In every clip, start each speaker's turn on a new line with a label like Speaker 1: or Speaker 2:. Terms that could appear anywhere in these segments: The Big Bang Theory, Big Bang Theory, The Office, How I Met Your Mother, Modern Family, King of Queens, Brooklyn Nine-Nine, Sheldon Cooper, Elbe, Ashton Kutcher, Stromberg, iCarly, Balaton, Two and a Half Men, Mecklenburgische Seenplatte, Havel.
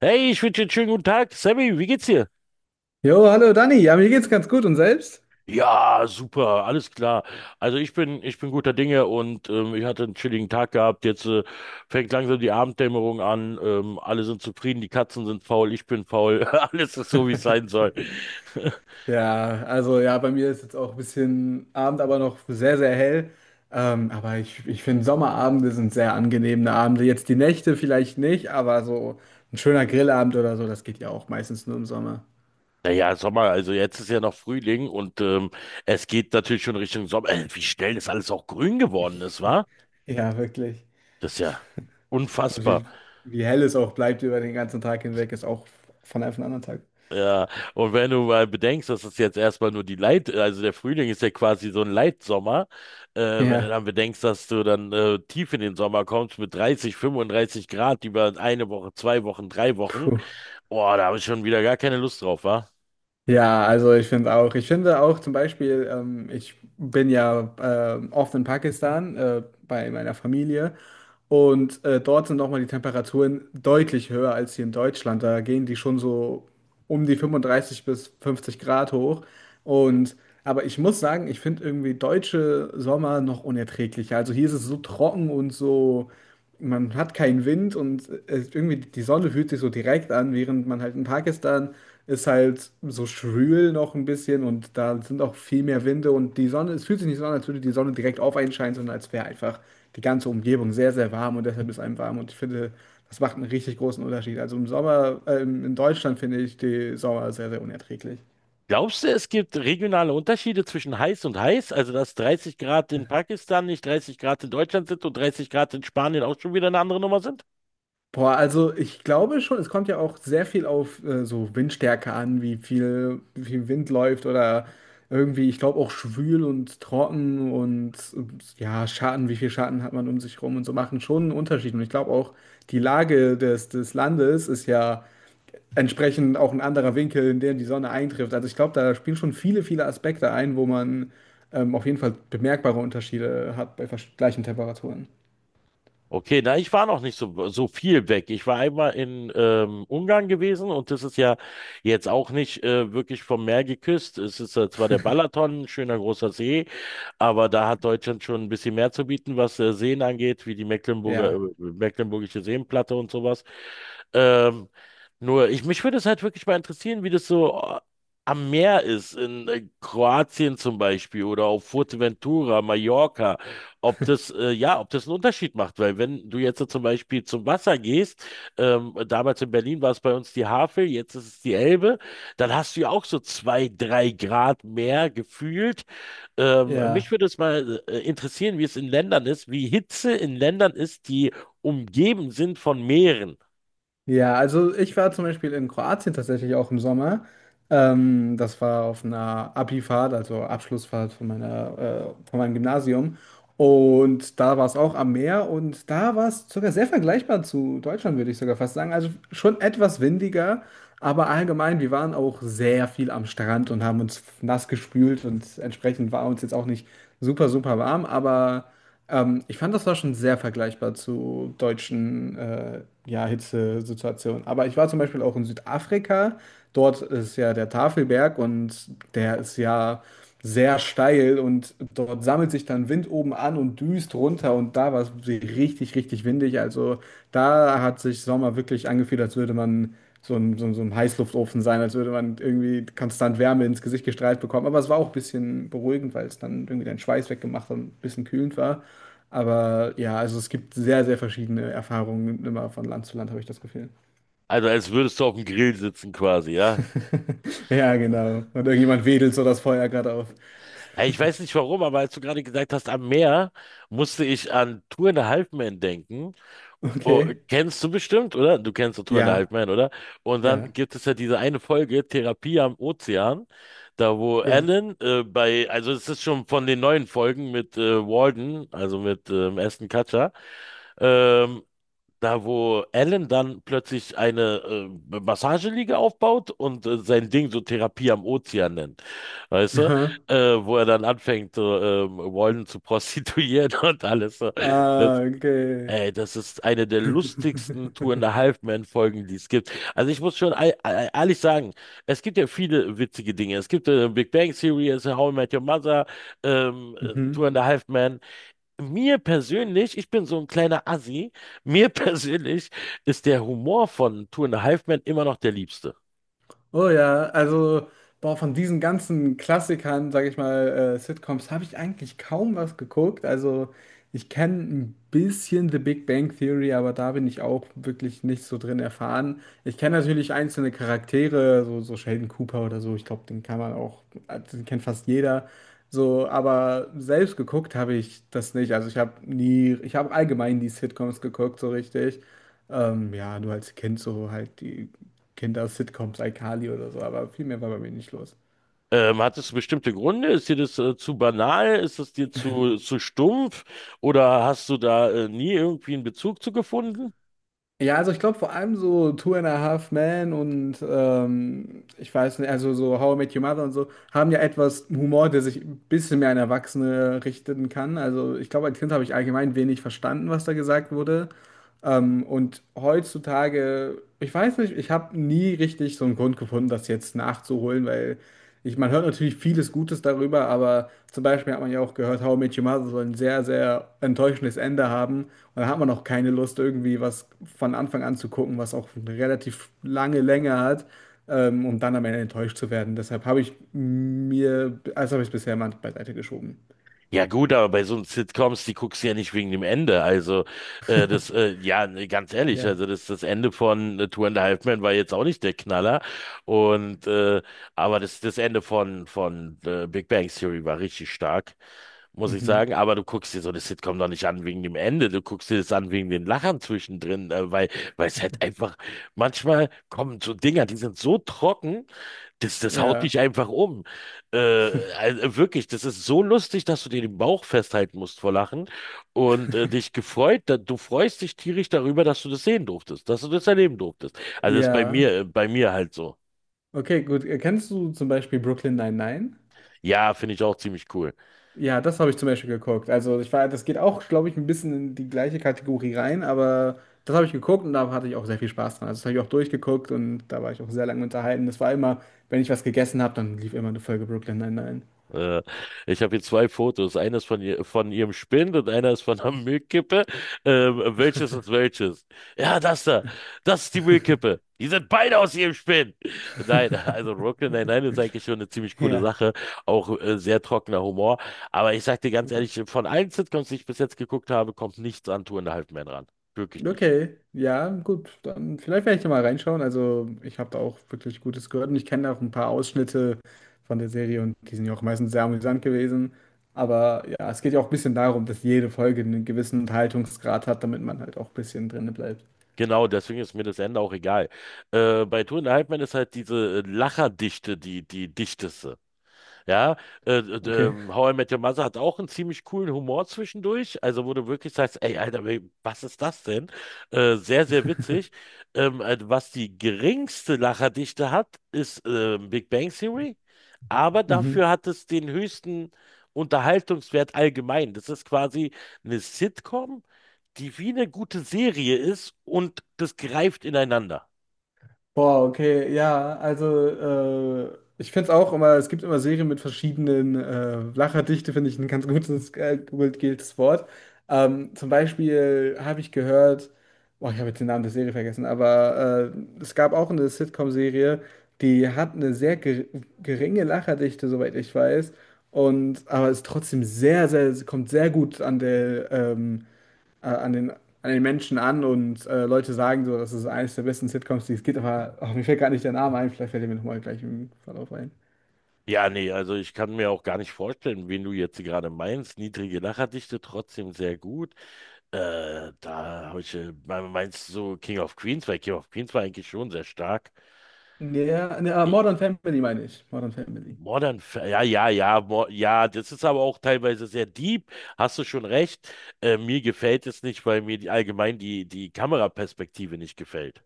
Speaker 1: Hey, ich wünsche dir einen schönen guten Tag. Sammy, wie geht's dir?
Speaker 2: Jo, hallo Dani. Ja, mir geht's ganz gut und selbst?
Speaker 1: Ja, super, alles klar. Also ich bin guter Dinge und ich hatte einen chilligen Tag gehabt. Jetzt fängt langsam die Abenddämmerung an. Alle sind zufrieden, die Katzen sind faul, ich bin faul. Alles ist so, wie es sein soll.
Speaker 2: Ja, also ja, bei mir ist jetzt auch ein bisschen Abend, aber noch sehr, sehr hell. Aber ich finde, Sommerabende sind sehr angenehme Abende. Jetzt die Nächte vielleicht nicht, aber so ein schöner Grillabend oder so, das geht ja auch meistens nur im Sommer.
Speaker 1: Naja, Sommer, also jetzt ist ja noch Frühling und es geht natürlich schon Richtung Sommer. Wie schnell das alles auch grün geworden ist, wa?
Speaker 2: Ja, wirklich.
Speaker 1: Das ist ja
Speaker 2: Und
Speaker 1: unfassbar.
Speaker 2: wie, wie hell es auch bleibt über den ganzen Tag hinweg, ist auch von einem auf den anderen Tag.
Speaker 1: Ja, und wenn du mal bedenkst, dass es jetzt erstmal nur die Leit, also der Frühling ist ja quasi so ein Leitsommer, äh, wenn du
Speaker 2: Ja,
Speaker 1: dann bedenkst, dass du dann tief in den Sommer kommst mit 30, 35 Grad über eine Woche, zwei Wochen, drei Wochen,
Speaker 2: puh.
Speaker 1: boah, da habe ich schon wieder gar keine Lust drauf, wa?
Speaker 2: Ja, also ich finde auch zum Beispiel, ich bin ja oft in Pakistan bei meiner Familie und dort sind nochmal die Temperaturen deutlich höher als hier in Deutschland. Da gehen die schon so um die 35 bis 50 Grad hoch. Und aber ich muss sagen, ich finde irgendwie deutsche Sommer noch unerträglicher. Also hier ist es so trocken und so, man hat keinen Wind und es, irgendwie die Sonne fühlt sich so direkt an, während man halt in Pakistan ist halt so schwül noch ein bisschen und da sind auch viel mehr Winde, und die Sonne, es fühlt sich nicht so an, als würde die Sonne direkt auf einen scheinen, sondern als wäre einfach die ganze Umgebung sehr, sehr warm und deshalb ist einem warm, und ich finde, das macht einen richtig großen Unterschied. Also im Sommer, in Deutschland finde ich die Sommer sehr, sehr unerträglich.
Speaker 1: Glaubst du, es gibt regionale Unterschiede zwischen heiß und heiß? Also, dass 30 Grad in Pakistan nicht 30 Grad in Deutschland sind und 30 Grad in Spanien auch schon wieder eine andere Nummer sind?
Speaker 2: Boah, also ich glaube schon, es kommt ja auch sehr viel auf so Windstärke an, wie viel Wind läuft oder irgendwie, ich glaube auch schwül und trocken und ja, Schatten, wie viel Schatten hat man um sich rum, und so machen schon einen Unterschied. Und ich glaube auch, die Lage des Landes ist ja entsprechend auch ein anderer Winkel, in dem die Sonne eintrifft. Also ich glaube, da spielen schon viele, viele Aspekte ein, wo man auf jeden Fall bemerkbare Unterschiede hat bei gleichen Temperaturen.
Speaker 1: Okay, na, ich war noch nicht so viel weg. Ich war einmal in Ungarn gewesen und das ist ja jetzt auch nicht wirklich vom Meer geküsst. Es ist zwar der Balaton, ein schöner großer See, aber da hat Deutschland schon ein bisschen mehr zu bieten, was Seen angeht, wie die
Speaker 2: Ja,
Speaker 1: Mecklenburgische Seenplatte und sowas. Ähm, nur, ich, mich würde es halt wirklich mal interessieren, wie das so am Meer ist, in Kroatien zum Beispiel oder auf Fuerteventura, Mallorca, ob ob das einen Unterschied macht, weil wenn du jetzt so zum Beispiel zum Wasser gehst, damals in Berlin war es bei uns die Havel, jetzt ist es die Elbe, dann hast du ja auch so zwei, drei Grad mehr gefühlt. Mich
Speaker 2: ja.
Speaker 1: würde es mal interessieren, wie es in Ländern ist, wie Hitze in Ländern ist, die umgeben sind von Meeren.
Speaker 2: Ja, also ich war zum Beispiel in Kroatien tatsächlich auch im Sommer. Das war auf einer Abifahrt, also Abschlussfahrt von von meinem Gymnasium. Und da war es auch am Meer und da war es sogar sehr vergleichbar zu Deutschland, würde ich sogar fast sagen. Also schon etwas windiger, aber allgemein, wir waren auch sehr viel am Strand und haben uns nass gespült und entsprechend war uns jetzt auch nicht super, super warm, aber. Ich fand, das war schon sehr vergleichbar zu deutschen ja, Hitzesituationen. Aber ich war zum Beispiel auch in Südafrika. Dort ist ja der Tafelberg und der ist ja sehr steil, und dort sammelt sich dann Wind oben an und düst runter, und da war es richtig, richtig windig. Also da hat sich Sommer wirklich angefühlt, als würde man so ein Heißluftofen sein, als würde man irgendwie konstant Wärme ins Gesicht gestrahlt bekommen. Aber es war auch ein bisschen beruhigend, weil es dann irgendwie deinen Schweiß weggemacht und ein bisschen kühlend war. Aber ja, also es gibt sehr, sehr verschiedene Erfahrungen immer von Land zu Land, habe ich das Gefühl.
Speaker 1: Also als würdest du auf dem Grill sitzen quasi, ja?
Speaker 2: Ja,
Speaker 1: Äh,
Speaker 2: genau. Und irgendjemand wedelt so das Feuer gerade auf.
Speaker 1: Ich weiß nicht warum, aber als du gerade gesagt hast, am Meer, musste ich an Two and a Half Men denken. Oh,
Speaker 2: Okay.
Speaker 1: kennst du bestimmt, oder? Du kennst doch Two and a Half
Speaker 2: Ja.
Speaker 1: Men, oder? Und dann
Speaker 2: Ja.
Speaker 1: gibt es ja diese eine Folge, Therapie am Ozean, da wo
Speaker 2: Ja.
Speaker 1: Also es ist schon von den neuen Folgen mit Walden, also mit Ashton Kutcher, ähm, da, wo Alan dann plötzlich eine Massageliege aufbaut und sein Ding so Therapie am Ozean nennt. Weißt du?
Speaker 2: Aha.
Speaker 1: Äh, wo er dann anfängt, Walden zu prostituieren und alles. So. Das,
Speaker 2: Ah, okay.
Speaker 1: ey, das ist eine der lustigsten Tour in a Half Men-Folgen, die es gibt. Also ich muss schon ehrlich sagen, es gibt ja viele witzige Dinge. Es gibt Big Bang Theory, es ist How I Met Your Mother, Two
Speaker 2: Mhm.
Speaker 1: and a Half Men. Mir persönlich, ich bin so ein kleiner Assi, mir persönlich ist der Humor von Two and a Half Men immer noch der liebste.
Speaker 2: Oh ja, also boah, von diesen ganzen Klassikern, sag ich mal, Sitcoms, habe ich eigentlich kaum was geguckt. Also ich kenne ein bisschen The Big Bang Theory, aber da bin ich auch wirklich nicht so drin erfahren. Ich kenne natürlich einzelne Charaktere, so Sheldon Cooper oder so. Ich glaube, den kann man auch, also den kennt fast jeder. So, aber selbst geguckt habe ich das nicht. Also ich habe nie, ich habe allgemein die Sitcoms geguckt, so richtig. Ja, nur als Kind so halt die. Kinder-Sitcoms, iCarly oder so, aber viel mehr war bei mir nicht los.
Speaker 1: Hat es bestimmte Gründe? Ist dir das zu banal? Ist es dir zu stumpf? Oder hast du da nie irgendwie einen Bezug zu gefunden?
Speaker 2: Ja, also ich glaube vor allem so Two and a Half Men und ich weiß nicht, also so How I Met Your Mother und so haben ja etwas Humor, der sich ein bisschen mehr an Erwachsene richten kann. Also ich glaube, als Kind habe ich allgemein wenig verstanden, was da gesagt wurde. Und heutzutage, ich weiß nicht, ich habe nie richtig so einen Grund gefunden, das jetzt nachzuholen, weil man hört natürlich vieles Gutes darüber, aber zum Beispiel hat man ja auch gehört, How I Met Your Mother soll ein sehr, sehr enttäuschendes Ende haben. Und da hat man auch keine Lust, irgendwie was von Anfang an zu gucken, was auch eine relativ lange Länge hat, um dann am Ende enttäuscht zu werden. Deshalb habe ich es bisher mal beiseite geschoben.
Speaker 1: Ja gut, aber bei so einem Sitcoms, die guckst du ja nicht wegen dem Ende. Also nee, ganz ehrlich,
Speaker 2: Ja.
Speaker 1: also das Ende von Two and a Half Men war jetzt auch nicht der Knaller. Und aber das Ende von Big Bang Theory war richtig stark, muss ich
Speaker 2: Mhm.
Speaker 1: sagen. Aber du guckst dir so eine Sitcom doch nicht an wegen dem Ende. Du guckst dir das an wegen den Lachern zwischendrin, weil weil es halt einfach manchmal kommen so Dinger, die sind so trocken. Das, das haut
Speaker 2: Ja.
Speaker 1: dich einfach um. Äh, wirklich, das ist so lustig, dass du dir den Bauch festhalten musst vor Lachen und dich gefreut, da, du freust dich tierisch darüber, dass du das sehen durftest, dass du das erleben durftest. Also das ist
Speaker 2: Ja.
Speaker 1: bei mir halt so.
Speaker 2: Okay, gut. Kennst du zum Beispiel Brooklyn Nine-Nine?
Speaker 1: Ja, finde ich auch ziemlich cool.
Speaker 2: Ja, das habe ich zum Beispiel geguckt. Also das geht auch, glaube ich, ein bisschen in die gleiche Kategorie rein, aber das habe ich geguckt und da hatte ich auch sehr viel Spaß dran. Also das habe ich auch durchgeguckt und da war ich auch sehr lange unterhalten. Das war immer, wenn ich was gegessen habe, dann lief immer eine Folge Brooklyn Nine-Nine.
Speaker 1: Äh, ich habe hier zwei Fotos. Eines von, ihr, von ihrem Spind und eines von einer Müllkippe. Welches ist welches? Ja, das da. Das ist die Müllkippe. Die sind beide aus ihrem Spind. Nein, also Brooklyn Nine-Nine ist eigentlich schon eine ziemlich coole
Speaker 2: Ja.
Speaker 1: Sache. Auch sehr trockener Humor. Aber ich sag dir ganz ehrlich, von allen Sitcoms, die ich bis jetzt geguckt habe, kommt nichts an Two and a Half Men ran. Wirklich nicht.
Speaker 2: Okay, ja, gut. Dann vielleicht werde ich da mal reinschauen. Also ich habe da auch wirklich Gutes gehört und ich kenne auch ein paar Ausschnitte von der Serie und die sind ja auch meistens sehr amüsant gewesen. Aber ja, es geht ja auch ein bisschen darum, dass jede Folge einen gewissen Unterhaltungsgrad hat, damit man halt auch ein bisschen drinne bleibt.
Speaker 1: Genau, deswegen ist mir das Ende auch egal. Bei Two and a Half Men ist halt diese Lacherdichte die, die dichteste. Ja,
Speaker 2: Okay.
Speaker 1: How I Met Your Mother hat auch einen ziemlich coolen Humor zwischendurch, also wo du wirklich sagst, ey, Alter, was ist das denn? Sehr, sehr witzig. Was die geringste Lacherdichte hat, ist Big Bang Theory, aber
Speaker 2: Mhm.
Speaker 1: dafür hat es den höchsten Unterhaltungswert allgemein. Das ist quasi eine Sitcom, die wie eine gute Serie ist und das greift ineinander.
Speaker 2: Boah, okay, ja, also ich finde es auch immer, es gibt immer Serien mit verschiedenen Lacherdichte, finde ich ein ganz gutes Wort. Zum Beispiel habe ich gehört, boah, ich habe jetzt den Namen der Serie vergessen, aber es gab auch eine Sitcom-Serie, die hat eine sehr ge geringe Lacherdichte, soweit ich weiß, und aber ist trotzdem kommt sehr gut an der äh, an den, an den Menschen an und Leute sagen so, das ist eines der besten Sitcoms, die es gibt, aber ach, mir fällt gar nicht der Name ein, vielleicht fällt er mir nochmal gleich im Verlauf ein.
Speaker 1: Ja, nee, also ich kann mir auch gar nicht vorstellen, wen du jetzt gerade meinst. Niedrige Lacherdichte, trotzdem sehr gut. Da habe ich, me- Meinst du so King of Queens? Weil King of Queens war eigentlich schon sehr stark.
Speaker 2: Nee, ja, ne,
Speaker 1: Ich-
Speaker 2: Modern Family meine ich. Modern Family.
Speaker 1: Modern, ja, das ist aber auch teilweise sehr deep. Hast du schon recht. Mir gefällt es nicht, weil mir die, allgemein die, die Kameraperspektive nicht gefällt.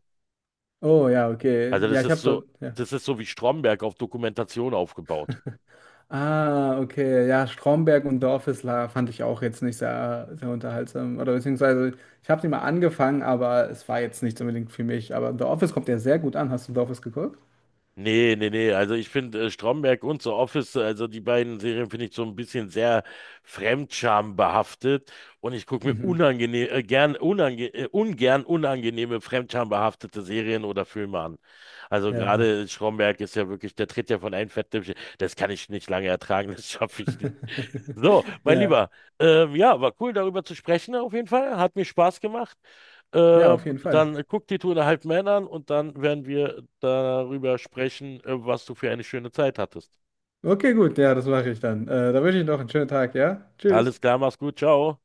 Speaker 2: Oh ja, okay.
Speaker 1: Also
Speaker 2: Ja, ich habe dort, ja.
Speaker 1: das ist so wie Stromberg auf Dokumentation aufgebaut.
Speaker 2: Ah, okay. Ja, Stromberg und The Office fand ich auch jetzt nicht sehr, sehr unterhaltsam. Oder beziehungsweise, ich habe sie mal angefangen, aber es war jetzt nicht unbedingt für mich. Aber The Office kommt ja sehr gut an. Hast du The Office geguckt?
Speaker 1: Nee, nee, nee. Also ich finde Stromberg und The Office, also die beiden Serien finde ich so ein bisschen sehr fremdschambehaftet und ich gucke mir
Speaker 2: Mhm.
Speaker 1: unangenehm, gern, unange ungern unangenehme fremdschambehaftete Serien oder Filme an. Also
Speaker 2: Ja.
Speaker 1: gerade Stromberg ist ja wirklich, der tritt ja von einem Fettnäpfchen. Das kann ich nicht lange ertragen, das schaffe ich nicht. So, mein
Speaker 2: Ja.
Speaker 1: Lieber, ja, war cool darüber zu sprechen auf jeden Fall. Hat mir Spaß gemacht.
Speaker 2: Ja, auf jeden Fall.
Speaker 1: Dann guck die Tour der Halbmänner an und dann werden wir darüber sprechen, was du für eine schöne Zeit hattest.
Speaker 2: Okay, gut, ja, das mache ich dann. Da wünsche ich noch einen schönen Tag, ja? Tschüss.
Speaker 1: Alles klar, mach's gut, ciao.